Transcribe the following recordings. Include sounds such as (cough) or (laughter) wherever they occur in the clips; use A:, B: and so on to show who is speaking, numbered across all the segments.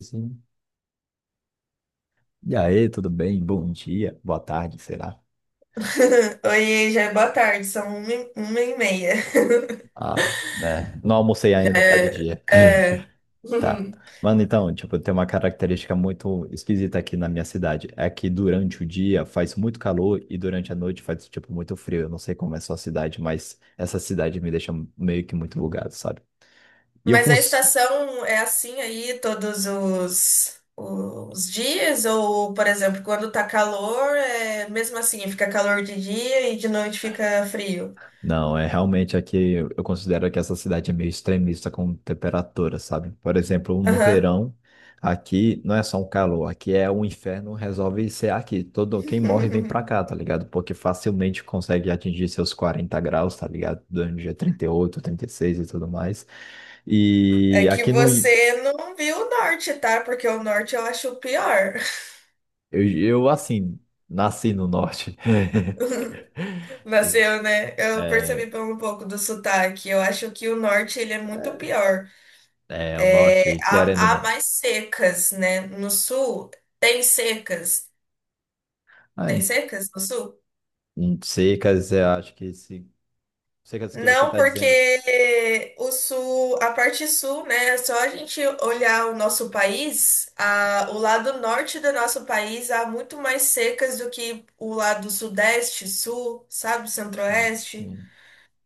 A: Sim. E aí, tudo bem? Bom dia, boa tarde, sei lá.
B: (laughs) Oi, já é boa tarde, são uma e meia. (laughs)
A: Ah, né? Não almocei
B: Já
A: ainda, tá de
B: é,
A: dia. (laughs)
B: é. (laughs)
A: Tá.
B: Uhum.
A: Mano, então, tipo, tem uma característica muito esquisita aqui na minha cidade. É que durante o dia faz muito calor e durante a noite faz, tipo, muito frio. Eu não sei como é a sua cidade, mas essa cidade me deixa meio que muito bugado, sabe? E eu
B: Mas
A: fun-
B: a estação é assim aí todos os dias? Ou, por exemplo, quando tá calor, é mesmo assim, fica calor de dia e de noite fica frio?
A: Não, é realmente aqui eu considero que essa cidade é meio extremista com temperatura, sabe? Por exemplo, no
B: Aham.
A: verão, aqui não é só um calor, aqui é um inferno, resolve ser aqui. Todo quem morre vem pra cá,
B: (laughs)
A: tá ligado? Porque facilmente consegue atingir seus 40 graus, tá ligado? Durante o dia 38, 36 e seis e tudo mais. E
B: É que
A: aqui no. in-
B: você não viu o norte, tá? Porque o norte eu acho o pior.
A: Eu assim, nasci no norte.
B: (laughs)
A: (laughs) E,
B: Nasceu, né? Eu
A: é,
B: percebi pelo um pouco do sotaque. Eu acho que o norte ele é muito pior.
A: é, o
B: É,
A: norte, querendo ou
B: há
A: não.
B: mais secas, né? No sul tem secas.
A: Ah,
B: Tem secas no sul?
A: Secas, eu acho que se secas que você
B: Não,
A: está dizendo,
B: porque o sul, a parte sul, né? É só a gente olhar o nosso país, o lado norte do nosso país há muito mais secas do que o lado sudeste, sul, sabe?
A: sim,
B: Centro-oeste.
A: sim.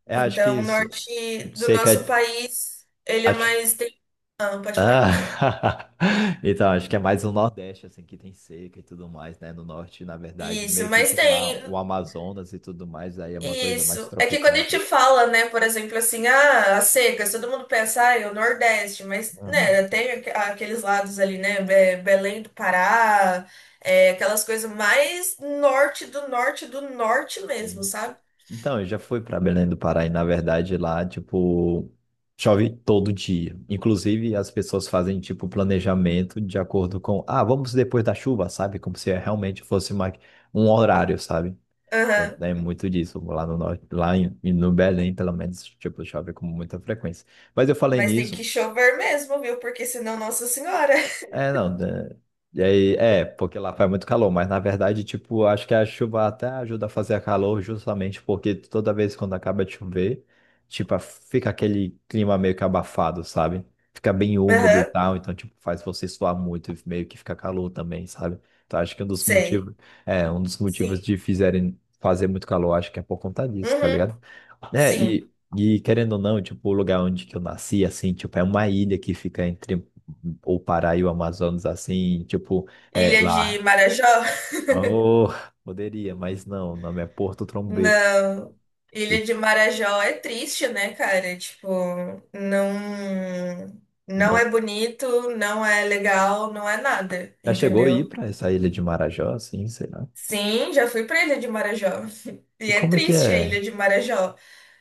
A: Eu acho que
B: Então, o
A: isso,
B: norte do
A: seca,
B: nosso país, ele é
A: acho,
B: mais. Tem... Ah, pode falar.
A: ah, (laughs) então acho que é mais o Nordeste assim que tem seca e tudo mais, né? No Norte, na verdade,
B: Isso,
A: meio que
B: mas
A: tem lá
B: tem.
A: o Amazonas e tudo mais, aí é uma coisa mais
B: Isso. É que quando a
A: tropical.
B: gente fala, né, por exemplo, assim, ah, as secas, todo mundo pensa, ah, é o Nordeste, mas,
A: Uhum.
B: né, tem aqueles lados ali, né, Belém do Pará, é, aquelas coisas mais norte do norte do norte mesmo,
A: Sim.
B: sabe?
A: Então, eu já fui para Belém do Pará e, na verdade, lá, tipo, chove todo dia. Inclusive, as pessoas fazem, tipo, planejamento de acordo com, ah, vamos depois da chuva, sabe? Como se realmente fosse uma, um horário, sabe? Então,
B: Aham.
A: é muito disso. Lá no norte, no Belém, pelo menos, tipo, chove com muita frequência. Mas eu falei
B: Mas tem que
A: nisso.
B: chover mesmo, viu? Porque senão, Nossa Senhora.
A: É, não, né? E aí, é, porque lá faz muito calor, mas na verdade, tipo, acho que a chuva até ajuda a fazer calor justamente porque toda vez quando acaba de chover, tipo, fica aquele clima meio que abafado, sabe? Fica bem
B: (laughs)
A: úmido e
B: Aham,
A: tal, então, tipo, faz você suar muito e meio que fica calor também, sabe? Então, acho que um dos motivos,
B: sei.
A: é, um dos motivos
B: Sim.
A: de fizerem fazer muito calor, acho que é por conta disso, tá
B: Uhum,
A: ligado? É,
B: sim.
A: e querendo ou não, tipo, o lugar onde que eu nasci, assim, tipo, é uma ilha que fica entre o Pará e o Amazonas assim, tipo, é
B: Ilha de
A: lá.
B: Marajó?
A: Oh, poderia, mas não, o nome é Porto
B: (laughs)
A: Trombetas.
B: Não.
A: E
B: Ilha de Marajó é triste, né, cara? Tipo, não, não
A: não.
B: é bonito, não é legal, não é nada,
A: Já chegou a ir
B: entendeu?
A: para essa ilha de Marajó, assim, sei lá.
B: Sim, já fui pra Ilha de Marajó. (laughs)
A: E
B: E é
A: como é que
B: triste a Ilha
A: é?
B: de Marajó.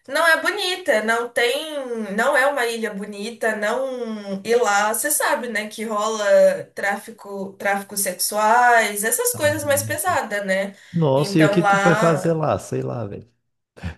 B: Não é bonita, não tem, não é uma ilha bonita, não. E lá, você sabe, né, que rola tráfico, tráfico sexuais, essas
A: Ah,
B: coisas mais pesadas, né?
A: nossa, e o que
B: Então
A: tu foi fazer
B: lá
A: lá? Sei lá, velho.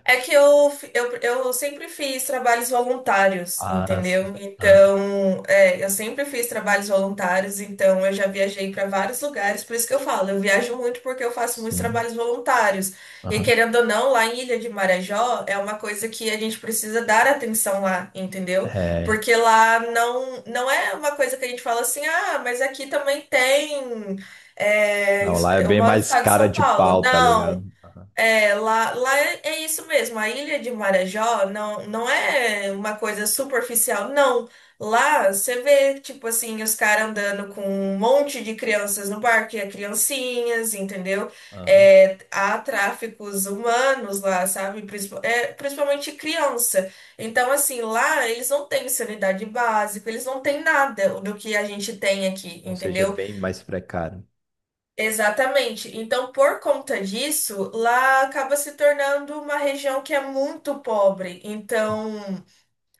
B: é que eu sempre fiz trabalhos voluntários,
A: Ah, sim.
B: entendeu?
A: Ah,
B: Então, é, eu sempre fiz trabalhos voluntários, então eu já viajei para vários lugares, por isso que eu falo, eu viajo muito porque eu faço muitos
A: sim.
B: trabalhos voluntários. E
A: Aham.
B: querendo ou não, lá em Ilha de Marajó é uma coisa que a gente precisa dar atenção lá, entendeu?
A: É.
B: Porque lá não, não é uma coisa que a gente fala assim, ah, mas aqui também tem. É,
A: Não, lá é
B: eu
A: bem
B: moro no
A: mais
B: estado de
A: cara
B: São
A: de
B: Paulo.
A: pau, tá ligado?
B: Não.
A: Aham.
B: É, lá é isso mesmo. A ilha de Marajó não, não é uma coisa superficial, não. Lá você vê, tipo assim, os caras andando com um monte de crianças no barco, e é criancinhas, entendeu?
A: Aham.
B: É, há tráficos humanos lá, sabe? Principalmente criança. Então, assim, lá eles não têm sanidade básica, eles não têm nada do que a gente tem aqui,
A: Ou seja, é
B: entendeu?
A: bem mais precário.
B: Exatamente. Então, por conta disso, lá acaba se tornando uma região que é muito pobre. Então,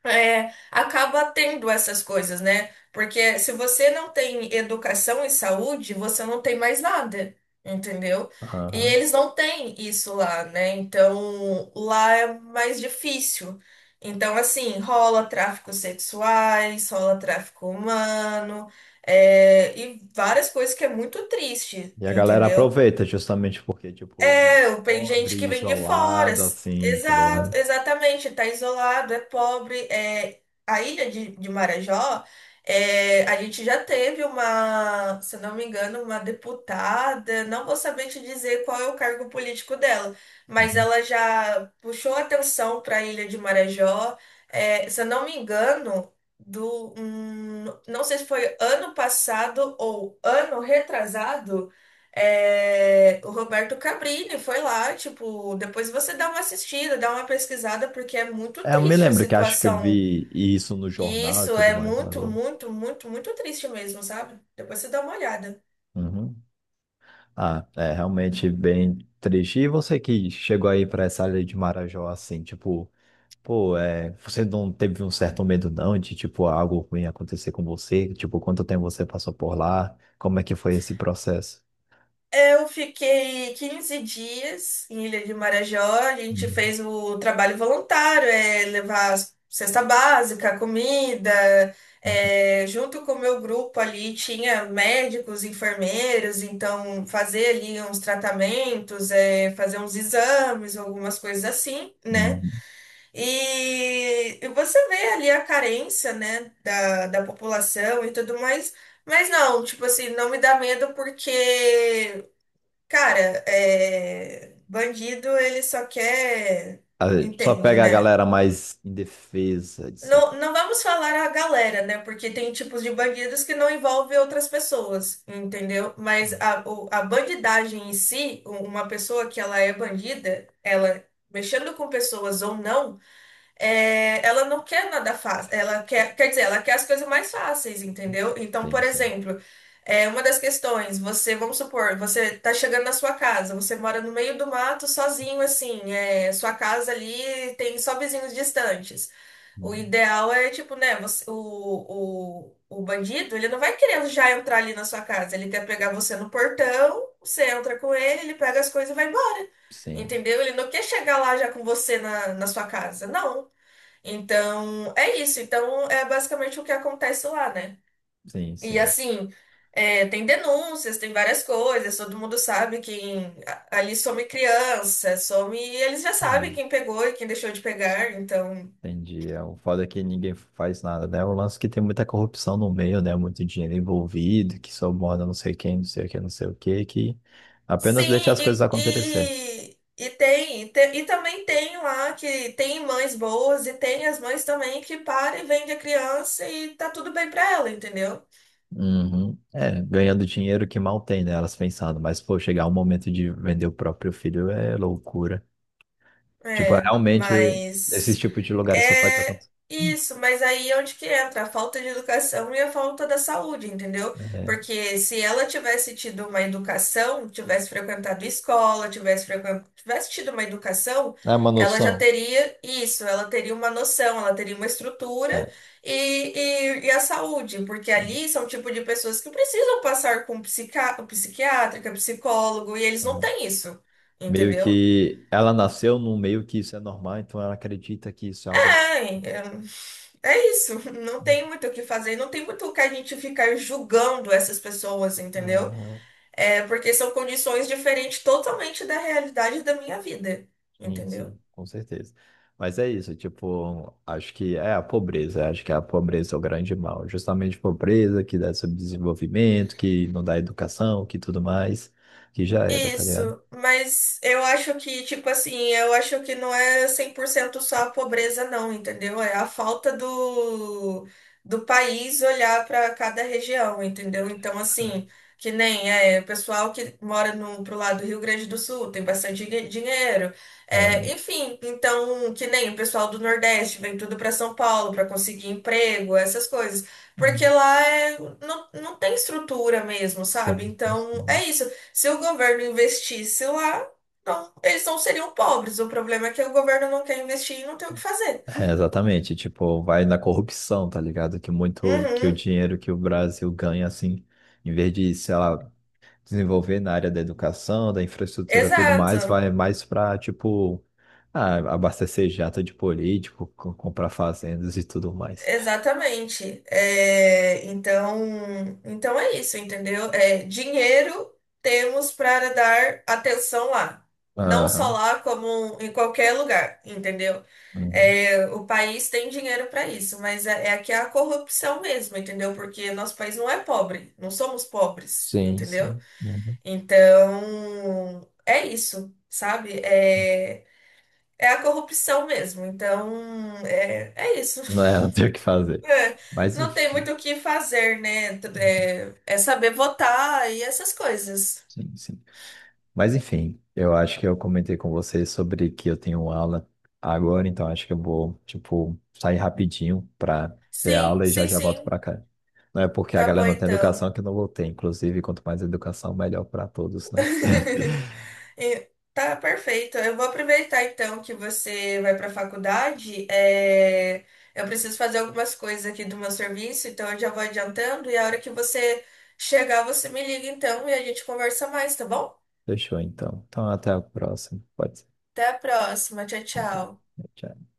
B: é, acaba tendo essas coisas, né? Porque se você não tem educação e saúde, você não tem mais nada, entendeu? E
A: Aham.
B: eles não têm isso lá, né? Então, lá é mais difícil. Então, assim, rola tráfico sexuais, rola tráfico humano, é, e várias coisas que é muito triste,
A: E a galera
B: entendeu?
A: aproveita justamente porque, tipo, lugar
B: É, tem gente
A: pobre,
B: que vem de fora.
A: isolado, assim, tá ligado?
B: Exato, exatamente, tá isolado, é pobre. É, a ilha de Marajó, é, a gente já teve uma, se não me engano, uma deputada, não vou saber te dizer qual é o cargo político dela, mas
A: Uhum.
B: ela já puxou atenção para a ilha de Marajó. É, se eu não me engano, não sei se foi ano passado ou ano retrasado. É, o Roberto Cabrini foi lá, tipo, depois você dá uma assistida, dá uma pesquisada, porque é muito
A: É, eu me
B: triste a
A: lembro que acho que eu
B: situação.
A: vi isso no
B: E
A: jornal e
B: isso
A: tudo
B: é
A: mais, né,
B: muito,
A: Bruno?
B: muito, muito, muito triste mesmo, sabe? Depois você dá uma olhada.
A: Uhum. Ah, é realmente bem triste. E você que chegou aí pra essa área de Marajó, assim, tipo, pô, é, você não teve um certo medo, não, de, tipo, algo ruim acontecer com você? Tipo, quanto tempo você passou por lá? Como é que foi esse processo?
B: Eu fiquei 15 dias em Ilha de Marajó. A gente
A: Uhum.
B: fez o trabalho voluntário, é levar cesta básica, comida. É, junto com o meu grupo ali tinha médicos, enfermeiros, então fazer ali uns tratamentos, é, fazer uns exames, algumas coisas assim, né?
A: Uhum.
B: E você vê ali a carência, né, da população e tudo mais. Mas não, tipo assim, não me dá medo porque cara, é, bandido ele só quer,
A: A gente só
B: entende,
A: pega a
B: né?
A: galera mais indefesa, de.
B: Não, não vamos falar a galera, né? Porque tem tipos de bandidos que não envolvem outras pessoas, entendeu? Mas a bandidagem em si, uma pessoa que ela é bandida, ela mexendo com pessoas ou não é, ela não quer nada fácil. Ela quer, quer dizer, ela quer as coisas mais fáceis, entendeu? Então,
A: Sim,
B: por
A: sim.
B: exemplo, é, uma das questões, você, vamos supor, você tá chegando na sua casa, você mora no meio do mato sozinho, assim, é, sua casa ali tem só vizinhos distantes. O
A: Uhum.
B: ideal é, tipo, né, o bandido, ele não vai querer já entrar ali na sua casa, ele quer pegar você no portão, você entra com ele, ele pega as coisas e vai embora.
A: Sim,
B: Entendeu? Ele não quer chegar lá já com você na sua casa. Não. Então, é isso. Então, é basicamente o que acontece lá, né?
A: sim,
B: E
A: sim.
B: assim, é, tem denúncias, tem várias coisas, todo mundo sabe quem. Ali some criança, some. E eles já sabem
A: É,
B: quem pegou e quem deixou de pegar, então.
A: entendi. É, o foda é que ninguém faz nada, né? O lance é que tem muita corrupção no meio, né? Muito dinheiro envolvido, que suborna não sei quem, não sei o que, não sei o que, que
B: Sim,
A: apenas deixa as coisas
B: e,
A: acontecer.
B: e, e tem, e também tem lá que tem mães boas e tem as mães também que param e vendem a criança e tá tudo bem pra ela, entendeu?
A: Uhum. É, ganhando dinheiro que mal tem, né? Elas pensando, mas pô, chegar o momento de vender o próprio filho é loucura. Tipo,
B: É,
A: realmente, esse
B: mas.
A: tipo de lugares só pode
B: É
A: acontecer.
B: isso, mas aí é onde que entra a falta de educação e a falta da saúde, entendeu?
A: É.
B: Porque se ela tivesse tido uma educação, tivesse frequentado escola, tivesse tido uma educação,
A: É uma
B: ela já
A: noção.
B: teria isso, ela teria uma noção, ela teria uma estrutura
A: É,
B: e, e a saúde, porque
A: sim.
B: ali são o tipo de pessoas que precisam passar com psiquiátrica, psicólogo, e eles não
A: Aham.
B: têm isso,
A: Meio
B: entendeu?
A: que ela nasceu num meio que isso é normal, então ela acredita que isso é algo.
B: É isso. Não tem muito o que fazer, não tem muito o que a gente ficar julgando essas pessoas, entendeu?
A: Aham,
B: É porque são condições diferentes totalmente da realidade da minha vida,
A: sim,
B: entendeu?
A: sim, com certeza. Mas é isso, tipo, acho que é a pobreza, acho que a pobreza é o grande mal. Justamente pobreza que dá subdesenvolvimento, que não dá educação, que tudo mais, que já era, tá ligado?
B: Isso, mas eu acho que, tipo assim, eu acho que não é 100% só a pobreza, não, entendeu? É a falta do país olhar para cada região, entendeu? Então, assim, que nem é, o pessoal que mora no, pro lado do Rio Grande do Sul tem bastante dinheiro, é,
A: Aham.
B: enfim, então, que nem o pessoal do Nordeste vem tudo para São Paulo para conseguir emprego, essas coisas. Porque lá é, não, não tem estrutura mesmo, sabe?
A: Sim,
B: Então,
A: sim.
B: é isso. Se o governo investisse lá, não, eles não seriam pobres. O problema é que o governo não quer investir e não tem o que fazer.
A: É, exatamente, tipo, vai na corrupção, tá ligado? Que muito que o
B: Uhum,
A: dinheiro que o Brasil ganha, assim, em vez de, sei lá, desenvolver na área da educação, da infraestrutura, e tudo mais,
B: exato,
A: vai mais pra, tipo, ah, abastecer jato de político, comprar fazendas e tudo mais.
B: exatamente. É, então, então é isso, entendeu? É, dinheiro temos para dar atenção lá. Não só
A: Aham.
B: lá, como em qualquer lugar, entendeu?
A: Uhum.
B: É, o país tem dinheiro para isso, mas é, é aqui a corrupção mesmo, entendeu? Porque nosso país não é pobre, não somos pobres,
A: Sim,
B: entendeu?
A: sim. Uhum.
B: Então, é isso, sabe? É, é a corrupção mesmo. Então, é, é isso.
A: Não é, (laughs)
B: (laughs)
A: não tem o que fazer.
B: É,
A: Mas,
B: não tem
A: enfim,
B: muito o que fazer, né? É, é saber votar e essas coisas.
A: sim, sim. Mas enfim, eu acho que eu comentei com vocês sobre que eu tenho aula agora, então acho que eu vou, tipo, sair rapidinho para ter
B: Sim,
A: aula e já
B: sim,
A: já volto
B: sim.
A: para cá. Não é porque a
B: Tá
A: galera
B: bom,
A: não tem
B: então.
A: educação que eu não vou ter, inclusive, quanto mais educação, melhor para todos, né? (laughs)
B: (laughs) E- Tá perfeito. Eu vou aproveitar então que você vai para a faculdade. É, eu preciso fazer algumas coisas aqui do meu serviço, então eu já vou adiantando. E a hora que você chegar, você me liga então e a gente conversa mais, tá bom?
A: Fechou, então. Então, até a próxima. Pode ser.
B: Até a próxima. Tchau,
A: Então,
B: tchau.
A: tchau.